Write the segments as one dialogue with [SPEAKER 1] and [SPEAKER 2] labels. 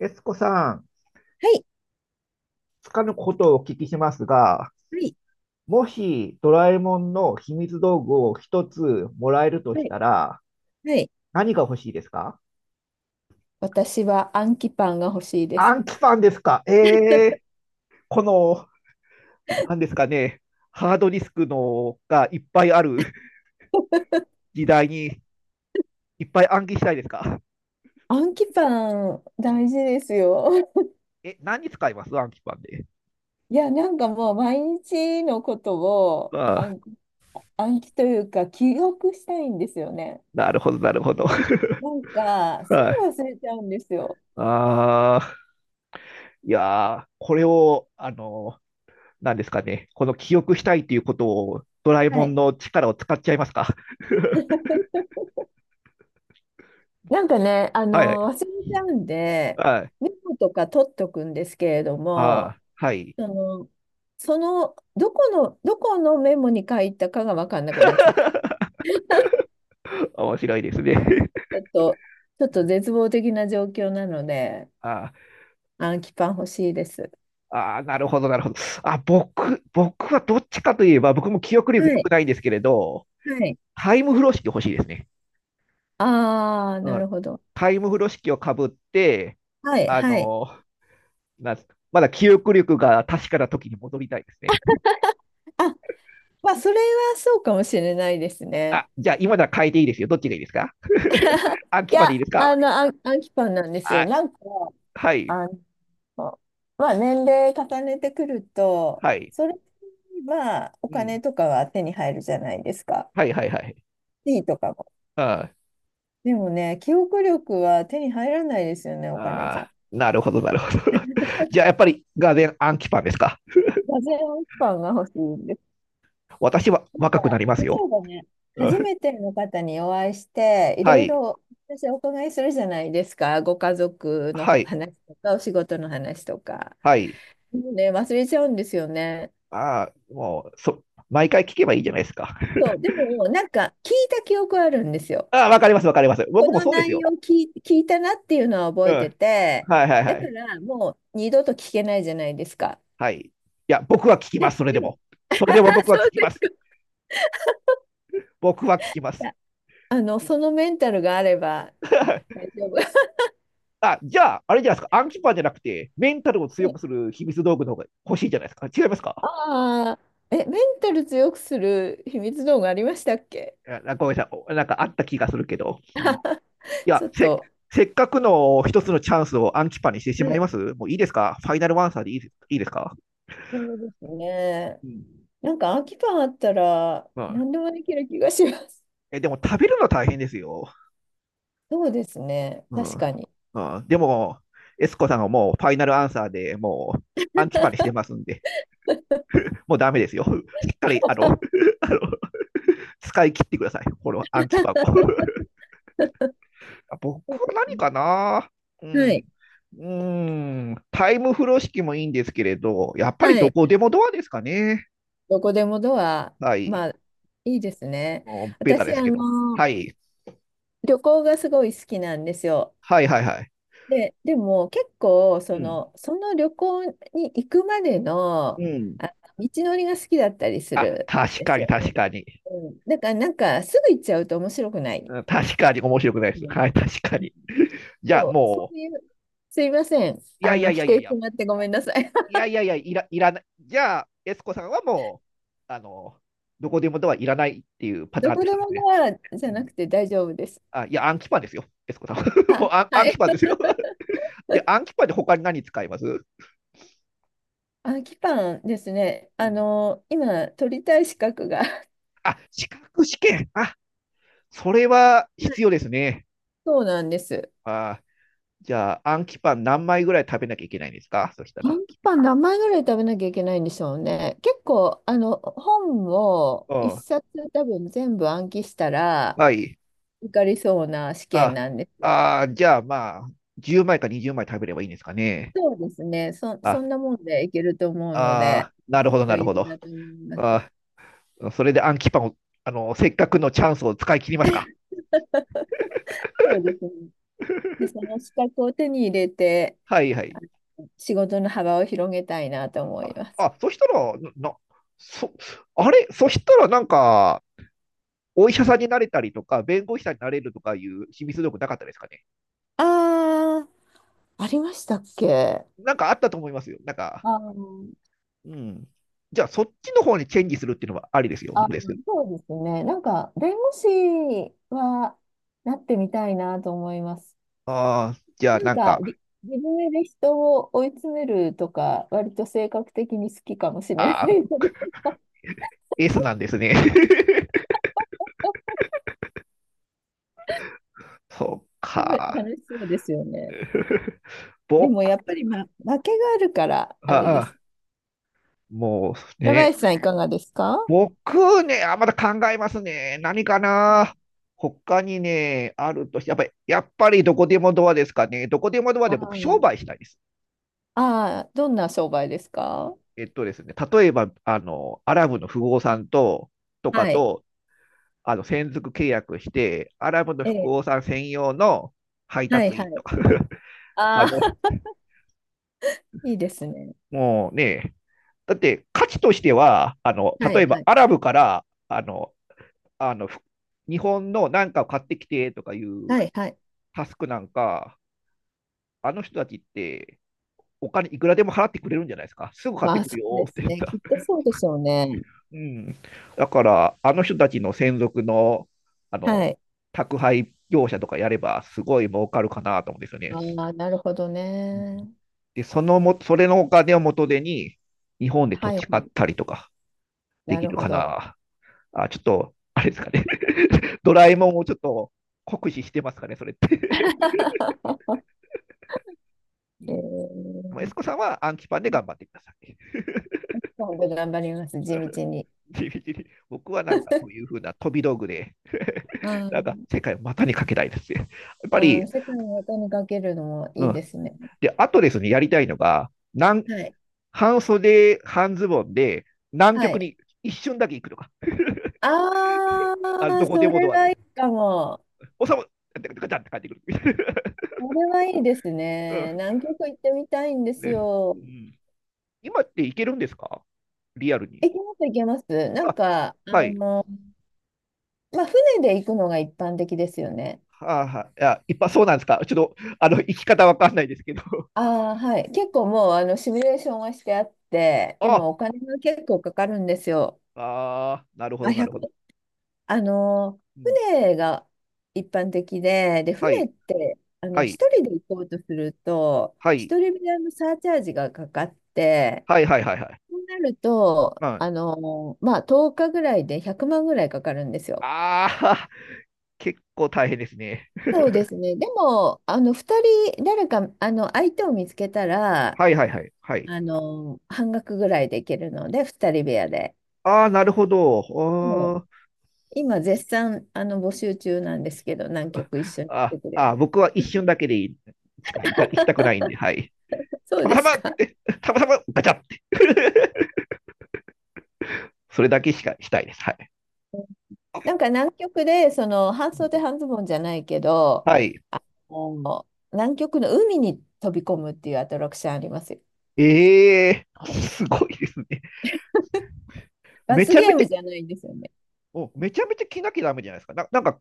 [SPEAKER 1] エスコさん、
[SPEAKER 2] はい、
[SPEAKER 1] つかぬことをお聞きしますが、
[SPEAKER 2] はい、
[SPEAKER 1] もしドラえもんの秘密道具を一つもらえると
[SPEAKER 2] は
[SPEAKER 1] し
[SPEAKER 2] い、
[SPEAKER 1] たら、
[SPEAKER 2] はい。
[SPEAKER 1] 何が欲しいですか？
[SPEAKER 2] 私はアンキパンが欲しいです。
[SPEAKER 1] 暗記パンですか？ええー、この、何ですかね、ハードディスクのがいっぱいある時代にいっぱい暗記したいですか？
[SPEAKER 2] アンキパン、
[SPEAKER 1] うん、
[SPEAKER 2] 大事ですよ。
[SPEAKER 1] え、何に使います暗記パンで。
[SPEAKER 2] いや、なんかもう毎日のことを
[SPEAKER 1] ああ、
[SPEAKER 2] 暗記というか記憶したいんですよね。
[SPEAKER 1] なるほど、なるほど。
[SPEAKER 2] なんか、す
[SPEAKER 1] は
[SPEAKER 2] ぐ
[SPEAKER 1] い。
[SPEAKER 2] 忘れちゃうんですよ。
[SPEAKER 1] ああ、いやー、これを、なんですかね、この記憶したいということを、ドラえ
[SPEAKER 2] は
[SPEAKER 1] もん
[SPEAKER 2] い。
[SPEAKER 1] の力を使っちゃいますか。
[SPEAKER 2] なんかね、
[SPEAKER 1] はい、
[SPEAKER 2] 忘れちゃうんで、
[SPEAKER 1] はい、
[SPEAKER 2] メモとか取っとくんですけれども、
[SPEAKER 1] あはい。
[SPEAKER 2] その、その、どこのメモに書いたかが分かんなくなっちゃう。
[SPEAKER 1] 面白いですね。
[SPEAKER 2] ちょっと、ちょっと絶望的な状況なので、
[SPEAKER 1] あ
[SPEAKER 2] アンキパン欲しいです。
[SPEAKER 1] あなるほど、なるほど。あ、僕はどっちかといえば、僕も記憶力良
[SPEAKER 2] は
[SPEAKER 1] く
[SPEAKER 2] い、
[SPEAKER 1] ないんですけれど、
[SPEAKER 2] はい。
[SPEAKER 1] タイム風呂敷欲しいですね。
[SPEAKER 2] ああ、な
[SPEAKER 1] う
[SPEAKER 2] る
[SPEAKER 1] ん、
[SPEAKER 2] ほど。
[SPEAKER 1] タイム風呂敷をかぶって、
[SPEAKER 2] はい、
[SPEAKER 1] あ
[SPEAKER 2] はい。
[SPEAKER 1] のなんすか、まだ記憶力が確かな時に戻りたいですね。
[SPEAKER 2] あ、まあ、それはそうかもしれないですね。
[SPEAKER 1] あ、じゃあ今なら変えていいですよ。どっちがいいですか？ あ、
[SPEAKER 2] い
[SPEAKER 1] 決までいい
[SPEAKER 2] や、
[SPEAKER 1] ですか？
[SPEAKER 2] アンキパンなんですよ。
[SPEAKER 1] あ、
[SPEAKER 2] なんか、
[SPEAKER 1] はい。
[SPEAKER 2] あの、まあ、年齢重ねてくると、
[SPEAKER 1] はい。
[SPEAKER 2] それはお
[SPEAKER 1] うん。
[SPEAKER 2] 金とかは手に入るじゃないですか。
[SPEAKER 1] はいはいはい。
[SPEAKER 2] 地位とかも。
[SPEAKER 1] あ
[SPEAKER 2] でもね、記憶力は手に入らないですよね、お金じ
[SPEAKER 1] あ、
[SPEAKER 2] ゃ。
[SPEAKER 1] ああなるほどなるほど。じゃあやっぱりガーデンアンキパンですか。
[SPEAKER 2] 座禅アンキパンが欲しいんです。
[SPEAKER 1] 私は若くなります
[SPEAKER 2] 例
[SPEAKER 1] よ。
[SPEAKER 2] えばね、
[SPEAKER 1] う
[SPEAKER 2] 初
[SPEAKER 1] ん
[SPEAKER 2] めての方にお会いして、い
[SPEAKER 1] は
[SPEAKER 2] ろい
[SPEAKER 1] い。
[SPEAKER 2] ろ私お伺いするじゃないですか。ご家族
[SPEAKER 1] は
[SPEAKER 2] の
[SPEAKER 1] い。
[SPEAKER 2] 話とか、お仕事の話とか。
[SPEAKER 1] はい。
[SPEAKER 2] もうね、忘れちゃうんですよね。
[SPEAKER 1] ああ、もう、毎回聞けばいいじゃないですか。
[SPEAKER 2] そう、でも、なんか聞いた記憶あるんです よ。
[SPEAKER 1] ああ、わかりますわかります。
[SPEAKER 2] こ
[SPEAKER 1] 僕も
[SPEAKER 2] の
[SPEAKER 1] そうです
[SPEAKER 2] 内
[SPEAKER 1] よ。
[SPEAKER 2] 容聞いたなっていうのは
[SPEAKER 1] う
[SPEAKER 2] 覚えて
[SPEAKER 1] ん。
[SPEAKER 2] て、
[SPEAKER 1] はいはい
[SPEAKER 2] だ
[SPEAKER 1] は
[SPEAKER 2] か
[SPEAKER 1] い。
[SPEAKER 2] らもう二度と聞けないじゃないですか。
[SPEAKER 1] はい。いや、僕は聞きま
[SPEAKER 2] で
[SPEAKER 1] す、それで
[SPEAKER 2] でも、
[SPEAKER 1] も。それ
[SPEAKER 2] あ、
[SPEAKER 1] でも僕は
[SPEAKER 2] そ
[SPEAKER 1] 聞
[SPEAKER 2] う
[SPEAKER 1] き
[SPEAKER 2] で
[SPEAKER 1] ます。
[SPEAKER 2] す
[SPEAKER 1] 僕は聞きます。
[SPEAKER 2] か。そのメンタルがあれば 大丈夫。
[SPEAKER 1] あ、じゃあ、あれじゃないですか。アンキパンじゃなくて、メンタルを強くす る秘密道具の方が欲しいじゃないですか。違いますか？
[SPEAKER 2] ああ、え、メンタル強くする秘密道具ありましたっけ？
[SPEAKER 1] やなごめんなさいなんかあった気がするけど、
[SPEAKER 2] ちょ
[SPEAKER 1] や、
[SPEAKER 2] っ
[SPEAKER 1] せ
[SPEAKER 2] と。
[SPEAKER 1] せっかくの一つのチャンスをアンキパにしてし
[SPEAKER 2] は
[SPEAKER 1] まい
[SPEAKER 2] い。
[SPEAKER 1] ます？もういいですか？ファイナルワンサーでいいです、いいですか？
[SPEAKER 2] そうですね。
[SPEAKER 1] うん
[SPEAKER 2] なんか空き缶あったら
[SPEAKER 1] うん
[SPEAKER 2] 何でもできる気がします。
[SPEAKER 1] えでも食べるの大変ですよ。
[SPEAKER 2] そうですね。
[SPEAKER 1] う
[SPEAKER 2] 確
[SPEAKER 1] ん
[SPEAKER 2] かに。
[SPEAKER 1] うん、でも、エスコさんはもうファイナルアンサーでもうアンキパにしてますんで、もうダメですよ。しっかり、あの使い切ってください。このアンキパを。僕
[SPEAKER 2] そう
[SPEAKER 1] は
[SPEAKER 2] です
[SPEAKER 1] 何
[SPEAKER 2] ね。
[SPEAKER 1] かな？う
[SPEAKER 2] は
[SPEAKER 1] ん。う
[SPEAKER 2] い。
[SPEAKER 1] ーん、タイム風呂敷もいいんですけれど、やっぱり
[SPEAKER 2] は
[SPEAKER 1] ど
[SPEAKER 2] い。
[SPEAKER 1] こでもドアですかね。
[SPEAKER 2] どこでもドア、
[SPEAKER 1] はい。
[SPEAKER 2] まあ、いいですね。
[SPEAKER 1] もうベタですけ
[SPEAKER 2] あ
[SPEAKER 1] ど。は
[SPEAKER 2] ー
[SPEAKER 1] い。
[SPEAKER 2] 旅行がすごい好きなんですよ。
[SPEAKER 1] はいはいはい。
[SPEAKER 2] でも結構
[SPEAKER 1] うん。
[SPEAKER 2] その旅行に行くまでの、
[SPEAKER 1] うん。
[SPEAKER 2] 道のりが好きだったりす
[SPEAKER 1] あ、
[SPEAKER 2] るん
[SPEAKER 1] 確
[SPEAKER 2] で
[SPEAKER 1] か
[SPEAKER 2] す
[SPEAKER 1] に
[SPEAKER 2] よ
[SPEAKER 1] 確
[SPEAKER 2] ね。
[SPEAKER 1] かに。
[SPEAKER 2] うん、だからなんかすぐ行っちゃうと面白くない。
[SPEAKER 1] うん確かに面白くないで
[SPEAKER 2] う
[SPEAKER 1] す。
[SPEAKER 2] ん、
[SPEAKER 1] はい、
[SPEAKER 2] う
[SPEAKER 1] 確か
[SPEAKER 2] ん、
[SPEAKER 1] に。じゃあ
[SPEAKER 2] そう、そ
[SPEAKER 1] も
[SPEAKER 2] ういう、すいませ
[SPEAKER 1] う、
[SPEAKER 2] ん。
[SPEAKER 1] いやいやいや
[SPEAKER 2] 否
[SPEAKER 1] いや
[SPEAKER 2] 定
[SPEAKER 1] い
[SPEAKER 2] して
[SPEAKER 1] や、
[SPEAKER 2] もらってごめんなさい。
[SPEAKER 1] い やいやいや、いらない。じゃあ、エスコさんはもう、どこでもドアいらないっていうパター
[SPEAKER 2] ど
[SPEAKER 1] ンの
[SPEAKER 2] こで
[SPEAKER 1] 人で
[SPEAKER 2] も
[SPEAKER 1] すね。
[SPEAKER 2] ドアじ
[SPEAKER 1] う
[SPEAKER 2] ゃな
[SPEAKER 1] ん。
[SPEAKER 2] くて大丈夫です。
[SPEAKER 1] あ、いや、暗記パンですよ、エスコさんは。
[SPEAKER 2] あ、
[SPEAKER 1] もう
[SPEAKER 2] は
[SPEAKER 1] 暗記
[SPEAKER 2] い。
[SPEAKER 1] パンですよ。じゃあ、暗記パンで他に何使います？
[SPEAKER 2] あ、キパンですね。
[SPEAKER 1] うん
[SPEAKER 2] 今、取りたい資格が
[SPEAKER 1] あ、資格試験。あ、それは必要ですね。
[SPEAKER 2] そうなんです。
[SPEAKER 1] あじゃあ、暗記パン何枚ぐらい食べなきゃいけないんですか、そした
[SPEAKER 2] ド
[SPEAKER 1] ら。
[SPEAKER 2] ンキパン何枚ぐらい食べなきゃいけないんでしょうね。結構、本を
[SPEAKER 1] う
[SPEAKER 2] 一
[SPEAKER 1] ん。
[SPEAKER 2] 冊多分全部暗記したら
[SPEAKER 1] はい。
[SPEAKER 2] 受かりそうな試験
[SPEAKER 1] あ、
[SPEAKER 2] なんですよ。
[SPEAKER 1] あじゃあ、まあ、10枚か20枚食べればいいんですかね。
[SPEAKER 2] そうですね。
[SPEAKER 1] あ、
[SPEAKER 2] そんなもんでいけると思うので、
[SPEAKER 1] あなるほど、な
[SPEAKER 2] 余
[SPEAKER 1] るほ
[SPEAKER 2] 裕
[SPEAKER 1] ど。
[SPEAKER 2] だと思います。
[SPEAKER 1] あそれで暗記パンを、あの、せっかくのチャンスを使い切りますか。
[SPEAKER 2] そうですね。で、その資格を手に入れて、
[SPEAKER 1] はいはい。
[SPEAKER 2] 仕事の幅を広げたいなと思います。
[SPEAKER 1] あ、そしたら、そ、あれ、そしたらなんか、お医者さんになれたりとか、弁護士さんになれるとかいう秘密道具なかったですかね。
[SPEAKER 2] ああ、ありましたっけ？
[SPEAKER 1] なんかあったと思いますよ。なんか、
[SPEAKER 2] ああー。
[SPEAKER 1] うん。じゃあそっちの方にチェンジするっていうのはありですよ。ど
[SPEAKER 2] あ、
[SPEAKER 1] うです
[SPEAKER 2] そうですね。なんか、弁護士はなってみたいなと思います。
[SPEAKER 1] ああ、じゃあ
[SPEAKER 2] なん
[SPEAKER 1] なん
[SPEAKER 2] か、
[SPEAKER 1] か、
[SPEAKER 2] 自分で人を追い詰めるとか、割と性格的に好きかもしれない
[SPEAKER 1] ああ、
[SPEAKER 2] ので
[SPEAKER 1] S なんですね。そう か。
[SPEAKER 2] 楽しそうですよね。でも
[SPEAKER 1] 僕、
[SPEAKER 2] やっぱり、負けがあるから、あれ
[SPEAKER 1] あ
[SPEAKER 2] です。
[SPEAKER 1] あ、もう
[SPEAKER 2] 平
[SPEAKER 1] ね、
[SPEAKER 2] 林さん、いかがですか？
[SPEAKER 1] 僕ね、あ、まだ考えますね。何かな。他にね、あるとし、やっぱり、やっぱりどこでもドアですかね。どこでもドア
[SPEAKER 2] あ
[SPEAKER 1] で僕、商売したいです。
[SPEAKER 2] どんな商売ですか？
[SPEAKER 1] えっとですね、例えば、あの、アラブの富豪さんと、とか
[SPEAKER 2] はい。
[SPEAKER 1] と、あの専属契約して、アラブの
[SPEAKER 2] え
[SPEAKER 1] 富
[SPEAKER 2] え。
[SPEAKER 1] 豪さん専用の配
[SPEAKER 2] はい
[SPEAKER 1] 達
[SPEAKER 2] は
[SPEAKER 1] 員と
[SPEAKER 2] い。
[SPEAKER 1] か。 あ
[SPEAKER 2] あ
[SPEAKER 1] の、
[SPEAKER 2] あ、いいですね。
[SPEAKER 1] もうね、だって価値としては、あの
[SPEAKER 2] は
[SPEAKER 1] 例
[SPEAKER 2] い
[SPEAKER 1] え
[SPEAKER 2] は
[SPEAKER 1] ば
[SPEAKER 2] い。
[SPEAKER 1] アラブからあの日本のなんかを買ってきてとかいう
[SPEAKER 2] はいはい。
[SPEAKER 1] タスクなんか、あの人たちってお金いくらでも払ってくれるんじゃないですか。すぐ買っ
[SPEAKER 2] ま
[SPEAKER 1] て
[SPEAKER 2] あ、
[SPEAKER 1] く
[SPEAKER 2] そ
[SPEAKER 1] る
[SPEAKER 2] う
[SPEAKER 1] よ
[SPEAKER 2] で
[SPEAKER 1] って
[SPEAKER 2] す
[SPEAKER 1] 言っ
[SPEAKER 2] ね。き
[SPEAKER 1] た。
[SPEAKER 2] っとそうでしょうね。
[SPEAKER 1] うん、だから、あの人たちの専属のあの
[SPEAKER 2] はい。
[SPEAKER 1] 宅配業者とかやれば、すごい儲かるかなと思うんですよね。
[SPEAKER 2] ああ、なるほど
[SPEAKER 1] うん
[SPEAKER 2] ね。
[SPEAKER 1] で、そのも、それのお金を元手に、日本で土
[SPEAKER 2] はいは
[SPEAKER 1] 地買っ
[SPEAKER 2] い。
[SPEAKER 1] たりとかで
[SPEAKER 2] な
[SPEAKER 1] き
[SPEAKER 2] る
[SPEAKER 1] る
[SPEAKER 2] ほ
[SPEAKER 1] か
[SPEAKER 2] ど。
[SPEAKER 1] な。あ、ちょっと、あれですかね。ドラえもんをちょっと酷使してますかね、それって。う
[SPEAKER 2] え
[SPEAKER 1] んまあエ
[SPEAKER 2] ー、
[SPEAKER 1] スコさんは暗記パンで頑張ってください。
[SPEAKER 2] 今度頑張ります。地道に。
[SPEAKER 1] 地道に僕はなんかそういうふうな飛び道具で、
[SPEAKER 2] あ
[SPEAKER 1] なんか
[SPEAKER 2] ー
[SPEAKER 1] 世界を股にかけたいですね。やっぱり、
[SPEAKER 2] 世界の音にかけるのも
[SPEAKER 1] う
[SPEAKER 2] いいで
[SPEAKER 1] ん。
[SPEAKER 2] すね。
[SPEAKER 1] で、あとですね、やりたいのが、なん
[SPEAKER 2] はい。
[SPEAKER 1] 半袖、半ズボンで、南
[SPEAKER 2] は
[SPEAKER 1] 極
[SPEAKER 2] い。
[SPEAKER 1] に一瞬だけ行くとか。
[SPEAKER 2] あ
[SPEAKER 1] あのど
[SPEAKER 2] あ、
[SPEAKER 1] こで
[SPEAKER 2] そ
[SPEAKER 1] も
[SPEAKER 2] れ
[SPEAKER 1] ドア
[SPEAKER 2] はい
[SPEAKER 1] で。
[SPEAKER 2] いかも。
[SPEAKER 1] おさむ、ガチャって帰ってくる。
[SPEAKER 2] それはいいです
[SPEAKER 1] うん、
[SPEAKER 2] ね。南極行ってみたいんです
[SPEAKER 1] です、
[SPEAKER 2] よ。
[SPEAKER 1] うん。今っていけるんですか、リアルに？
[SPEAKER 2] 行けます、行けます。なん
[SPEAKER 1] あ、
[SPEAKER 2] か、
[SPEAKER 1] はい。
[SPEAKER 2] まあ、船で行くのが一般的ですよね。
[SPEAKER 1] はあ、はい。いや、いっぱいそうなんですか。ちょっと、あの、生き方わかんないですけど。
[SPEAKER 2] ああ、はい。結構もうシミュレーションはしてあって、で
[SPEAKER 1] あ、
[SPEAKER 2] もお金が結構かかるんですよ。
[SPEAKER 1] あなるほ
[SPEAKER 2] まあ、
[SPEAKER 1] ど、な
[SPEAKER 2] 1
[SPEAKER 1] るほど。
[SPEAKER 2] あの、
[SPEAKER 1] うん、
[SPEAKER 2] 船が一般的で、で、
[SPEAKER 1] は
[SPEAKER 2] 船
[SPEAKER 1] い、
[SPEAKER 2] って、
[SPEAKER 1] はい、
[SPEAKER 2] 一人で行こうとすると、
[SPEAKER 1] はい、
[SPEAKER 2] 一人分のサーチャージがかかって、
[SPEAKER 1] はい、はい、はい、はい。
[SPEAKER 2] そうなる
[SPEAKER 1] う
[SPEAKER 2] と、
[SPEAKER 1] ん、あ
[SPEAKER 2] まあ、10日ぐらいで100万ぐらいかかるんですよ。
[SPEAKER 1] あ、結構大変ですね。
[SPEAKER 2] そうですね。でも、2人、誰か、相手を見つけたら、
[SPEAKER 1] はい、はい、はい、はい。
[SPEAKER 2] 半額ぐらいで行けるので、二人部屋で。
[SPEAKER 1] ああ、なるほど。
[SPEAKER 2] そう、今絶賛募集中なんですけど、南極一緒に行っ
[SPEAKER 1] あ
[SPEAKER 2] てくれる？
[SPEAKER 1] あ、僕は一瞬だけでいい。近い行きたくないんで、はい。
[SPEAKER 2] そう
[SPEAKER 1] たま
[SPEAKER 2] で
[SPEAKER 1] た
[SPEAKER 2] す
[SPEAKER 1] まっ
[SPEAKER 2] か。
[SPEAKER 1] て、たまたまガチャって。それだけしかしたいです。はい。
[SPEAKER 2] なんか南極でその半袖半ズボンじゃないけど、
[SPEAKER 1] はい。
[SPEAKER 2] もう南極の海に飛び込むっていうアトラクションありますよ。
[SPEAKER 1] ええー、すごいですね。め
[SPEAKER 2] 罰
[SPEAKER 1] ちゃ
[SPEAKER 2] ゲ
[SPEAKER 1] め
[SPEAKER 2] ー
[SPEAKER 1] ちゃ、
[SPEAKER 2] ムじゃないんですよね。
[SPEAKER 1] めちゃめちゃ着なきゃダメじゃないですか。なんか、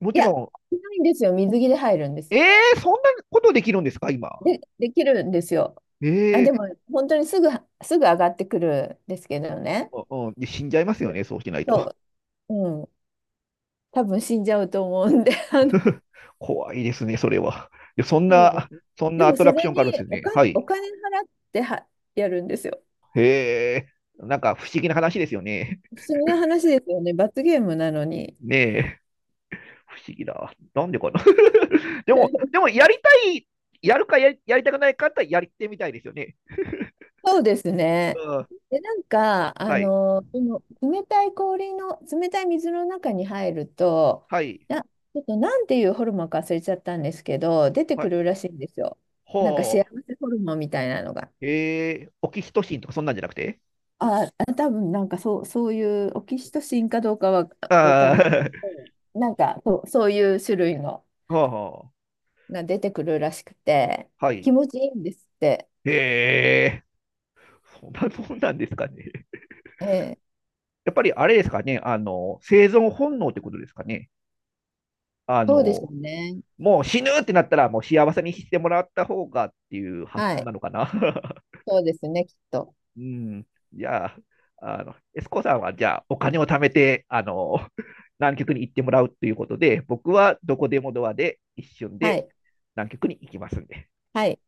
[SPEAKER 1] も
[SPEAKER 2] い
[SPEAKER 1] ち
[SPEAKER 2] や、
[SPEAKER 1] ろ
[SPEAKER 2] ないんですよ。水着で入るんで
[SPEAKER 1] ん、
[SPEAKER 2] す。
[SPEAKER 1] ええー、そんなことできるんですか、今？
[SPEAKER 2] できるんですよ。あ、
[SPEAKER 1] え
[SPEAKER 2] で
[SPEAKER 1] え
[SPEAKER 2] も本当にすぐ上がってくるんですけどね。
[SPEAKER 1] ー、うん、で死んじゃいますよ
[SPEAKER 2] で、
[SPEAKER 1] ね、そうしない
[SPEAKER 2] そ
[SPEAKER 1] と。
[SPEAKER 2] う、うん。多分死んじゃうと思うんで、
[SPEAKER 1] 怖いですね、それは。でそん
[SPEAKER 2] そうで
[SPEAKER 1] な、
[SPEAKER 2] す。
[SPEAKER 1] そん
[SPEAKER 2] で
[SPEAKER 1] なア
[SPEAKER 2] も
[SPEAKER 1] ト
[SPEAKER 2] そ
[SPEAKER 1] ラクシ
[SPEAKER 2] れ
[SPEAKER 1] ョンがあるんで
[SPEAKER 2] に
[SPEAKER 1] すよね。は
[SPEAKER 2] お
[SPEAKER 1] い。
[SPEAKER 2] 金払ってはやるんですよ。
[SPEAKER 1] へえ、なんか不思議な話ですよね。
[SPEAKER 2] 不思議な話ですよね。罰ゲームなのに。
[SPEAKER 1] ねえ。不思議だ。なんでかな。 でも、やるかやりやりたくないかってやってみたいですよね。
[SPEAKER 2] そうですね。
[SPEAKER 1] うん。
[SPEAKER 2] で、なんか、
[SPEAKER 1] はい。
[SPEAKER 2] この冷たい氷の、冷たい水の中に入ると、
[SPEAKER 1] はい。
[SPEAKER 2] ちょっとなんていうホルモンか忘れちゃったんですけど、出て
[SPEAKER 1] は
[SPEAKER 2] く
[SPEAKER 1] い。
[SPEAKER 2] るらしいんですよ。
[SPEAKER 1] ほ
[SPEAKER 2] なんか幸せホルモンみたいなのが。
[SPEAKER 1] う。えー、オキシトシンとかそんなんじゃなくて？
[SPEAKER 2] あ、多分なんかそう、そういうオキシトシンかどうかはわかんない。
[SPEAKER 1] あ
[SPEAKER 2] うん、なんかそう、そういう種類の。
[SPEAKER 1] あ、は
[SPEAKER 2] が出てくるらしくて、
[SPEAKER 1] あ、はい。
[SPEAKER 2] 気持ちいいんですって。
[SPEAKER 1] えー、そんなもんなんですかね。
[SPEAKER 2] ええ、
[SPEAKER 1] やっぱりあれですかね、あの、生存本能ってことですかね。あ
[SPEAKER 2] そうでしょ
[SPEAKER 1] の、
[SPEAKER 2] うね。
[SPEAKER 1] もう死ぬってなったら、もう幸せにしてもらった方がっていう発
[SPEAKER 2] は
[SPEAKER 1] 想
[SPEAKER 2] い。
[SPEAKER 1] なのかな。
[SPEAKER 2] そうですね、きっと。
[SPEAKER 1] うん、じゃあ、あの、エスコさんはじゃあお金を貯めて、あの、南極に行ってもらうということで、僕はどこでもドアで一瞬
[SPEAKER 2] は
[SPEAKER 1] で
[SPEAKER 2] い。
[SPEAKER 1] 南極に行きますんで。
[SPEAKER 2] はい。